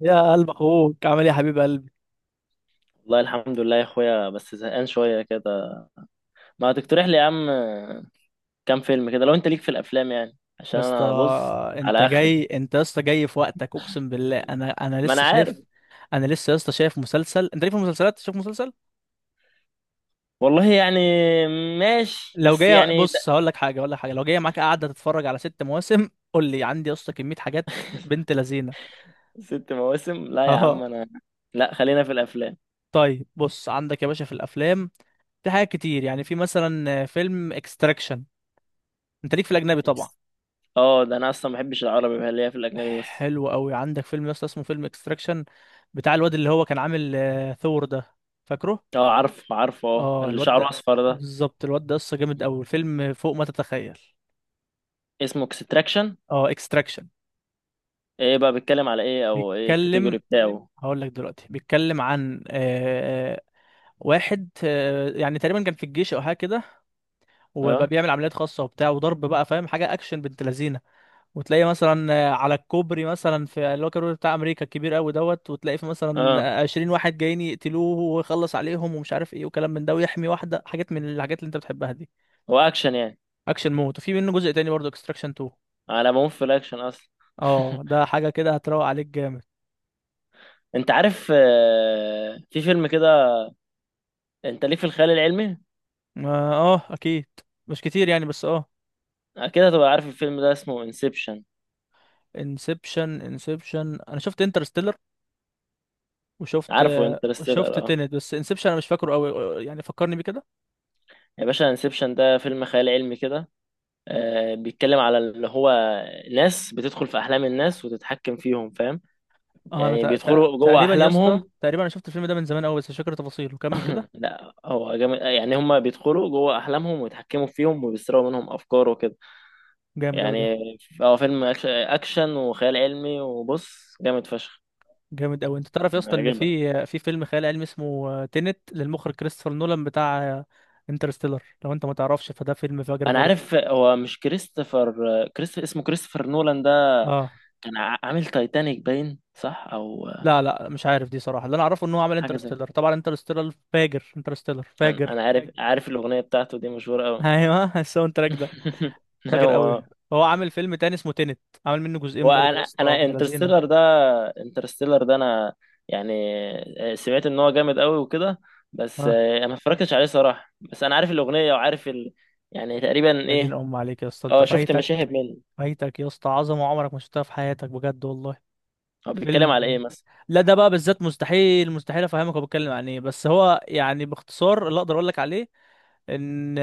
يا قلب اخوك عامل ايه يا حبيب قلبي؟ والله الحمد لله يا اخويا، بس زهقان شويه كده. ما تقترح لي يا عم؟ كام فيلم كده لو انت ليك في الافلام، يعني عشان يا اسطى انا بص انت على اخري. جاي، انت يا اسطى جاي في وقتك، اقسم بالله انا ما انا لسه عارف. شايف. انا لسه يا اسطى شايف مسلسل، انت ليه في المسلسلات؟ شايف مسلسل، والله يعني ماشي، لو بس جاي يعني بص ده. هقول لك حاجه، لو جاي معاك قاعده تتفرج على ست مواسم، قول لي. عندي يا اسطى كميه حاجات بنت لذينه. ست مواسم؟ لا يا اه. عم انا. لا، خلينا في الافلام. طيب بص، عندك يا باشا في الافلام، في حاجات كتير، يعني في مثلا فيلم اكستراكشن، انت ليك في الاجنبي طبعا. اه، ده انا اصلا ما بحبش العربي، بقى ليا في الاجنبي بس. حلو قوي. عندك فيلم يا اسطى اسمه فيلم اكستراكشن، بتاع الواد اللي هو كان عامل ثور ده، فاكره؟ اه، عارف عارفه، اه اه اللي الواد شعره ده اصفر ده. بالظبط، الواد ده قصه جامد قوي، الفيلم فوق ما تتخيل. اسمه اكستراكشن. اه اكستراكشن. ايه بقى بيتكلم على ايه، او ايه الكاتيجوري بيتكلم، بتاعه؟ هقول لك دلوقتي، بيتكلم عن واحد، يعني تقريبا كان في الجيش او حاجه كده، وبقى اه بيعمل عمليات خاصه وبتاع وضرب بقى، فاهم؟ حاجه اكشن بنت لذينه، وتلاقي مثلا على الكوبري، مثلا في اللي هو الكوبري بتاع امريكا الكبير قوي دوت، وتلاقي في مثلا اه، عشرين واحد جايين يقتلوه ويخلص عليهم ومش عارف ايه وكلام من ده، ويحمي واحده، حاجات من الحاجات اللي انت بتحبها دي. هو اكشن يعني. اكشن مود، وفي منه جزء تاني برضه، اكستراكشن 2. على ما في الاكشن اصلا. اه ده حاجه كده هتروق عليك جامد. انت عارف في فيلم كده؟ انت ليك في الخيال العلمي؟ اه، اكيد، مش كتير يعني، بس اه. اكيد هتبقى عارف الفيلم ده، اسمه انسبشن. انسبشن، انسبشن، انا شفت انترستيلر، وشفت، عارفه انترستيلر، شفت اه. تينت، بس انسبشن انا مش فاكره قوي، يعني فكرني بيه كده. يا باشا، انسبشن ده فيلم خيال علمي كده، بيتكلم على اللي هو ناس بتدخل في احلام الناس وتتحكم فيهم، فاهم؟ اه انا يعني بيدخلوا جوه تقريبا يا اسطى، احلامهم. تقريبا انا شفت الفيلم ده من زمان قوي، بس مش فاكر تفاصيله. كمل كده. لا هو جامد يعني، هم بيدخلوا جوه احلامهم ويتحكموا فيهم وبيسرقوا منهم افكار وكده، جامد قوي ده. يعني. هو فيلم اكشن وخيال علمي، وبص جامد فشخ. جامد قوي. انت تعرف يا اسطى ان هيعجبك. في فيلم خيال علمي اسمه تينت، للمخرج كريستوفر نولان بتاع انترستيلر، لو انت ما تعرفش فده فيلم فاجر انا برضه. عارف هو مش كريستوفر، اسمه كريستوفر نولان ده. اه. كان عامل تايتانيك باين، صح او لا لا مش عارف دي صراحه، اللي انا اعرفه ان هو عمل حاجه زي. انترستيلر، طبعا انترستيلر فاجر، انترستيلر انا فاجر. أنا عارف الاغنيه بتاعته دي مشهوره قوي. ايوه الساوند تراك ده فاجر قوي. ايوه. هو عامل فيلم تاني اسمه تينت، عامل منه هو جزئين برضه انا يا اسطى انا ابن لذينه. انترستيلر ده انا يعني سمعت ان هو جامد قوي وكده، بس اه. انا ما اتفرجتش عليه صراحه، بس انا عارف الاغنيه وعارف ال... يعني تقريبا يا دين ايه. ام عليك يا اسطى، انت اه، شفت فايتك، مشاهد منه. فايتك يا اسطى عظمه عمرك ما شفتها في حياتك بجد والله. هو بيتكلم على فيلم، ايه مثلا؟ لا ده بقى بالذات مستحيل، مستحيل افهمك هو بيتكلم عن ايه، بس هو يعني باختصار اللي اقدر اقول لك عليه ان،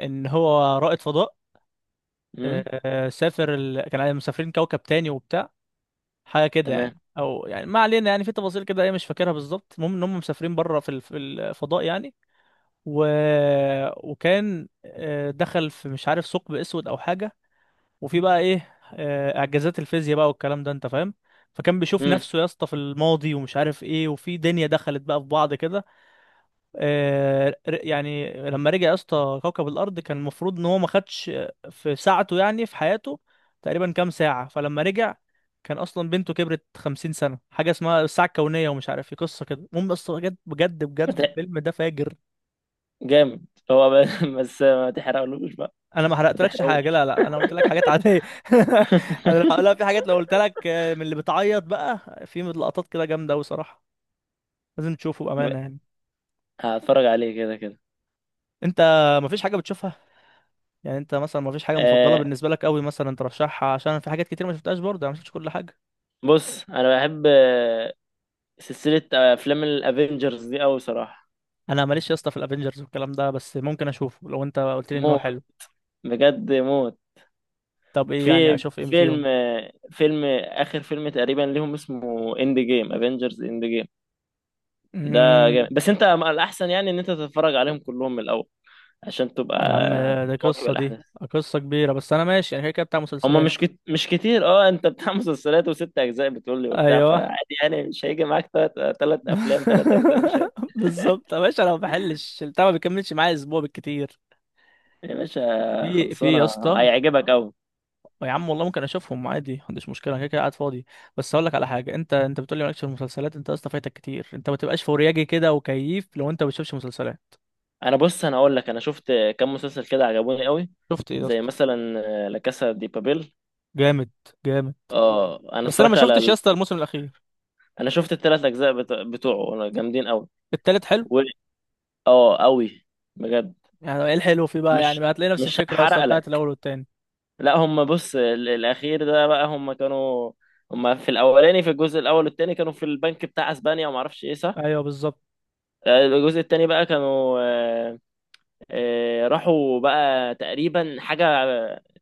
ان هو رائد فضاء. امم. سافر كان مسافرين كوكب تاني وبتاع، حاجه كده تمام. يعني، او يعني ما علينا يعني، في تفاصيل كده ايه مش فاكرها بالظبط، المهم ان هم مسافرين بره في في الفضاء يعني. و... وكان دخل في مش عارف ثقب اسود او حاجه، وفي بقى ايه اعجازات الفيزياء بقى والكلام ده انت فاهم، فكان بيشوف امم نفسه يا اسطى في الماضي ومش عارف ايه، وفي دنيا دخلت بقى في بعض كده. يعني لما رجع يا اسطى كوكب الارض، كان المفروض ان هو ما خدش في ساعته يعني في حياته تقريبا كام ساعة، فلما رجع كان اصلا بنته كبرت 50 سنة، حاجة اسمها الساعة الكونية ومش عارف ايه قصة كده. المهم يا اسطى بجد بجد بجد الفيلم ده فاجر. جامد. بس ما تحرقلوش بقى. انا ما ما حرقتلكش حاجه، تحرقوش. لا لا انا قلت لك حاجات عاديه انا لا في حاجات لو قلت لك من اللي بتعيط بقى. في لقطات كده جامده قوي صراحه، لازم تشوفه يبقى بامانه يعني. هتفرج عليه كده كده. انت ما فيش حاجه بتشوفها؟ يعني انت مثلا ما فيش حاجه مفضله آه، بالنسبه لك قوي مثلا ترشحها، عشان في حاجات كتير ما شفتهاش برضه، انا ما شفتش كل حاجه. بص انا بحب سلسلة افلام الافينجرز دي قوي صراحة. انا ماليش يا اسطى في الافينجرز والكلام ده، بس ممكن اشوفه لو انت قلت لي ان هو حلو. موت، بجد موت. طب ايه يعني في اشوف ايه فيهم؟ فيلم فيلم اخر، فيلم تقريبا ليهم اسمه اند جيم، افينجرز اند جيم. ده جامد، امم. بس انت الاحسن يعني ان انت تتفرج عليهم كلهم من الاول عشان تبقى يا عم ده مواكب قصه دي، الاحداث. قصه كبيره، بس انا ماشي يعني كده كده بتاع هما مسلسلات. مش مش كتير. اه انت بتاع مسلسلات وست اجزاء بتقول لي وبتاع، ايوه فعادي يعني مش هيجي معاك تلات افلام تلات اجزاء مش بالظبط يا باشا، انا ما بحلش البتاع، ما بيكملش معايا اسبوع بالكتير. يا باشا في يا خلصانه اسطى، هيعجبك قوي. يا عم والله ممكن اشوفهم عادي، ما عنديش مشكله، انا كده كده قاعد فاضي. بس اقول لك على حاجه، انت بتقول لي مالكش في المسلسلات، انت يا اسطى فايتك كتير، انت ما تبقاش فورياجي كده، وكيف لو انت ما بتشوفش مسلسلات. انا بص، انا اقول لك، انا شفت كام مسلسل كده عجبوني قوي. شفت ايه يا زي اسطى؟ مثلا لا كاسا دي بابيل. جامد، جامد، اه انا بس انا ما اتفرجت على شفتش يا ال... اسطى الموسم الاخير. انا شفت التلات اجزاء بتوعه جامدين قوي. التالت حلو. و... اه قوي بجد. يعني ايه الحلو فيه بقى؟ مش يعني هتلاقي نفس مش الفكره يا اسطى هحرق بتاعت لك. الاول والتاني. لا هم بص الاخير ده بقى، هم كانوا... هم في الاولاني، في الجزء الاول والتاني كانوا في البنك بتاع اسبانيا، وما اعرفش ايه، صح. ايوه بالظبط. الجزء التاني بقى كانوا راحوا بقى تقريبا حاجه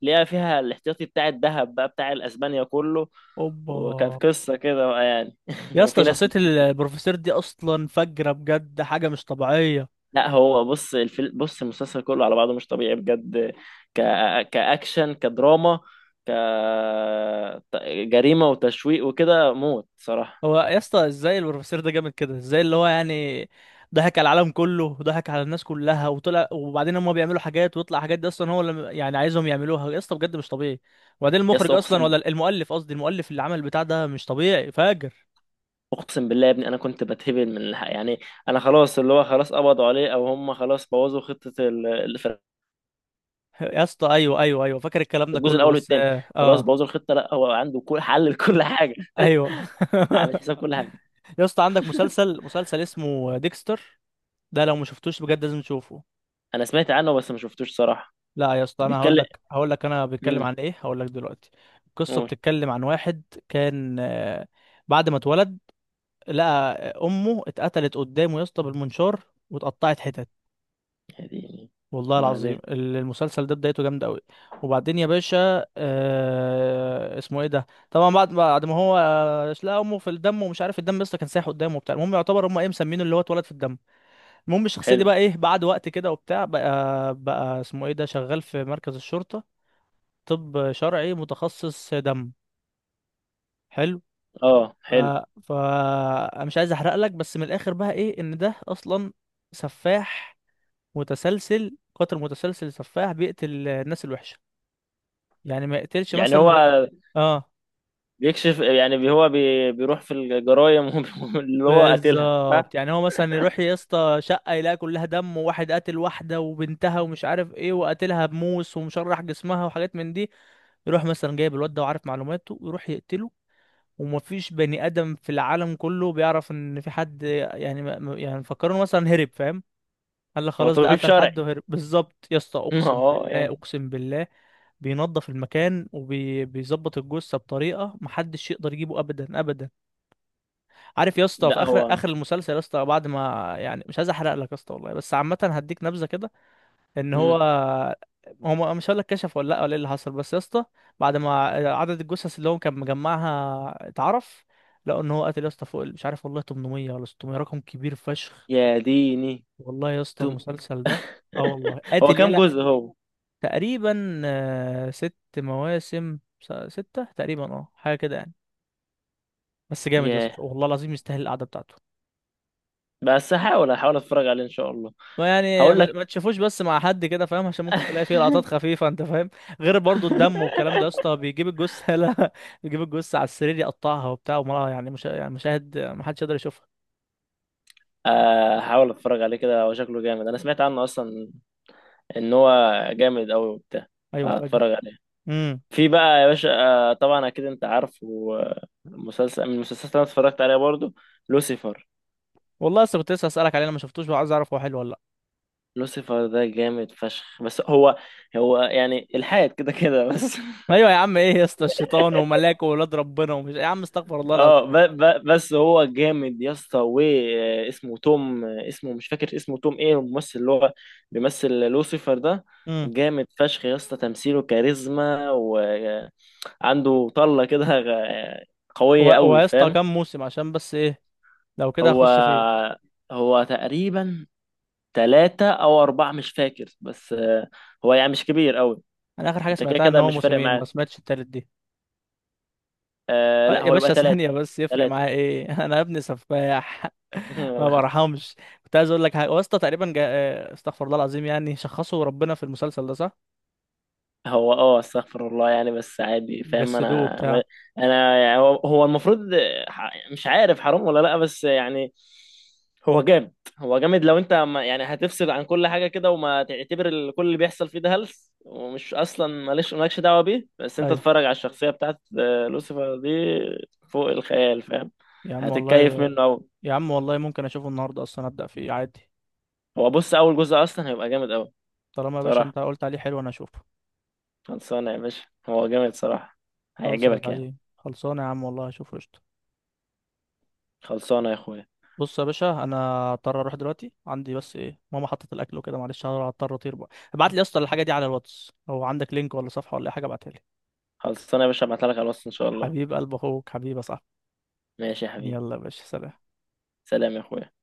ليها، فيها الاحتياطي بتاع الذهب بقى بتاع الاسبانيا كله. اوبا. وكانت قصه كده بقى يعني، يا وفي اسطى ناس شخصية البروفيسور دي أصلا فجرة، بجد حاجة مش طبيعية. لا، هو بص بص المسلسل كله على بعضه مش طبيعي بجد. ك... كأكشن، كدراما، ك جريمة وتشويق وكده، موت صراحة. هو يا اسطى ازاي البروفيسور ده جامد كده، ازاي اللي هو يعني ضحك على العالم كله وضحك على الناس كلها وطلع، وبعدين هم بيعملوا حاجات ويطلع حاجات دي أصلا هو اللي يعني عايزهم يعملوها، يا اسطى بجد مش طبيعي. وبعدين يا المخرج اسطى أصلا، اقسم ولا المؤلف، قصدي المؤلف اللي عمل البتاع ده مش طبيعي فاجر. اقسم بالله يا ابني، انا كنت بتهبل من الحق يعني. انا خلاص، اللي هو خلاص قبضوا عليه او هم خلاص بوظوا خطه اللي في يا اسطى أيوه أيوه أيوه فاكر الكلام ده الجزء كله، الاول بس والثاني، خلاص بوظوا الخطه، لا هو عنده كل حل لكل حاجه. أيوه عامل حساب كل حاجه. يا اسطى عندك مسلسل، مسلسل اسمه ديكستر، ده لو ما شفتوش بجد لازم تشوفه. انا سمعت عنه بس ما شفتوش صراحه. لا يا اسطى انا هقول بيتكلم. لك، انا بتكلم امم. عن ايه، هقول لك دلوقتي. القصه قول. بتتكلم عن واحد، كان بعد ما اتولد لقى امه اتقتلت قدامه يا اسطى بالمنشار، واتقطعت حتت. يعني. والله العظيم وبعدين. المسلسل ده بدايته جامده قوي. وبعدين يا باشا آه اسمه ايه ده، طبعا بعد ما هو لقى امه في الدم، ومش عارف الدم لسه كان سايح قدامه وبتاع، المهم يعتبر هم ايه مسمينه اللي هو اتولد في الدم. المهم الشخصيه دي حلو. بقى ايه بعد وقت كده وبتاع، بقى اسمه ايه ده، شغال في مركز الشرطه، طب شرعي متخصص دم. حلو. اه ف... حلو. ف انا مش عايز احرق لك، بس من الاخر بقى ايه ان ده اصلا سفاح متسلسل، قاتل متسلسل، سفاح بيقتل الناس الوحشه، يعني ما يقتلش يعني مثلا هو غير. اه بيكشف يعني، هو بيروح في الجرايم اللي هو قاتلها، صح. بالظبط. يعني هو مثلا يروح يا اسطى شقه، يلاقي كلها دم وواحد قاتل واحده وبنتها ومش عارف ايه وقاتلها بموس ومشرح جسمها وحاجات من دي، يروح مثلا جايب الواد ده وعارف معلوماته ويروح يقتله. ومفيش بني ادم في العالم كله بيعرف ان في حد يعني يعني فكروا مثلا هرب، فاهم؟ قال لك هو خلاص ده طبيب قتل حد شرعي. وهرب. بالظبط يا اسطى، اقسم اه بالله يعني. اقسم بالله. بينظف المكان وبيظبط الجثه بطريقه محدش يقدر يجيبه ابدا ابدا. عارف يا اسطى لا في هو. اخر المسلسل يا اسطى، بعد ما يعني مش عايز احرق لك يا اسطى والله، بس عامه هديك نبذه كده ان هو، مم. هم مش هقول لك كشف ولا لا ولا ايه اللي حصل، بس يا اسطى بعد ما عدد الجثث اللي هو كان مجمعها اتعرف، لقوا ان هو قتل يا اسطى فوق مش عارف والله 800 ولا 600، رقم كبير فشخ. يا ديني. والله يا اسطى توم. المسلسل ده، اه والله هو قاتل كام يلا. جزء هو؟ تقريبا ست مواسم، ستة تقريبا اه، حاجة كده يعني، بس جامد يا ياه. اسطى والله العظيم، يستاهل القعدة بتاعته. بس هحاول اتفرج عليه ان شاء الله. ما يعني هقول لك. ما تشوفوش بس مع حد كده، فاهم؟ عشان ممكن تلاقي فيه لقطات خفيفة انت فاهم، غير برضو الدم والكلام ده، يا اسطى بيجيب الجثة لا بيجيب الجثة على السرير يقطعها وبتاع، وما يعني مش يعني مشاهد ما حدش يقدر يشوفها. هحاول اتفرج عليه كده، هو شكله جامد، انا سمعت عنه اصلا ان هو جامد قوي وبتاع. ايوه فاجر. فهتفرج عليه. امم. في بقى يا باشا طبعا اكيد انت عارف مسلسل من المسلسلات اللي انا اتفرجت عليها برضو: لوسيفر. والله لسه كنت اسالك عليه، انا ما شفتوش، وعايز اعرف هو حلو ولا لا. لوسيفر ده جامد فشخ، بس هو يعني الحاد كده كده بس. ايوه يا عم، ايه يا اسطى الشيطان وملاك وولاد ربنا ومش، يا عم استغفر الله العظيم. اه، ب ب بس هو جامد يا اسطى، واسمه توم. اسمه مش فاكر، اسمه توم ايه الممثل اللي هو بيمثل لوسيفر ده. امم. جامد فشخ يا اسطى، تمثيله كاريزما، وعنده طلة كده قوية قوي، ويا اسطى فاهم. كام موسم؟ عشان بس ايه، لو كده هو هخش فيه. هو تقريبا ثلاثة او اربعة مش فاكر، بس هو يعني مش كبير قوي. انا اخر حاجة انت كده سمعتها ان كده هو مش فارق موسمين، ما معاك. سمعتش التالت دي. آه لا، يا هو يبقى باشا ثلاثة. ثانية بس، يفرق ثلاثة. معايا ايه انا يا ابني سفاح ما برحمش. كنت عايز اقول لك حاجة واسطى تقريبا جا... آه، استغفر الله العظيم، يعني شخصوا ربنا في المسلسل ده صح؟ هو اه استغفر الله يعني، بس عادي فاهم جسدوه انا. بتاع. انا يعني هو المفروض مش عارف حرام ولا لا، بس يعني هو جامد. هو جامد، لو انت يعني هتفصل عن كل حاجه كده، وما تعتبر كل اللي بيحصل فيه ده هلس، ومش اصلا مالكش دعوه بيه، بس انت ايوه تتفرج على الشخصيه بتاعت لوسيفر دي. فوق الخيال، فاهم. يا عم والله، هتتكيف منه قوي. يا عم والله ممكن اشوفه النهاردة اصلا، ابدأ فيه عادي. هو بص، اول جزء اصلا هيبقى جامد قوي طالما يا باشا صراحه. انت قلت عليه حلو انا اشوفه. خلصانه يا باشا، هو جامد صراحه. خلص يا هيعجبك يعني. زعيم، خلصانه يا عم والله اشوفه قشطة. خلصانه يا اخويا. بص يا باشا انا اضطر اروح دلوقتي، عندي بس ايه ماما حطت الاكل وكده، معلش هضطر اطير بقى. ابعت لي يا اسطى الحاجة دي على الواتس، هو عندك لينك ولا صفحة ولا أي حاجة ابعتها لي. خلصانة يا باشا، ابعتها لك على الوصف ان شاء الله. حبيب قلب اخوك حبيب يا صاحبي. ماشي يا حبيبي. يلا يا باشا سلام. سلام يا اخويا.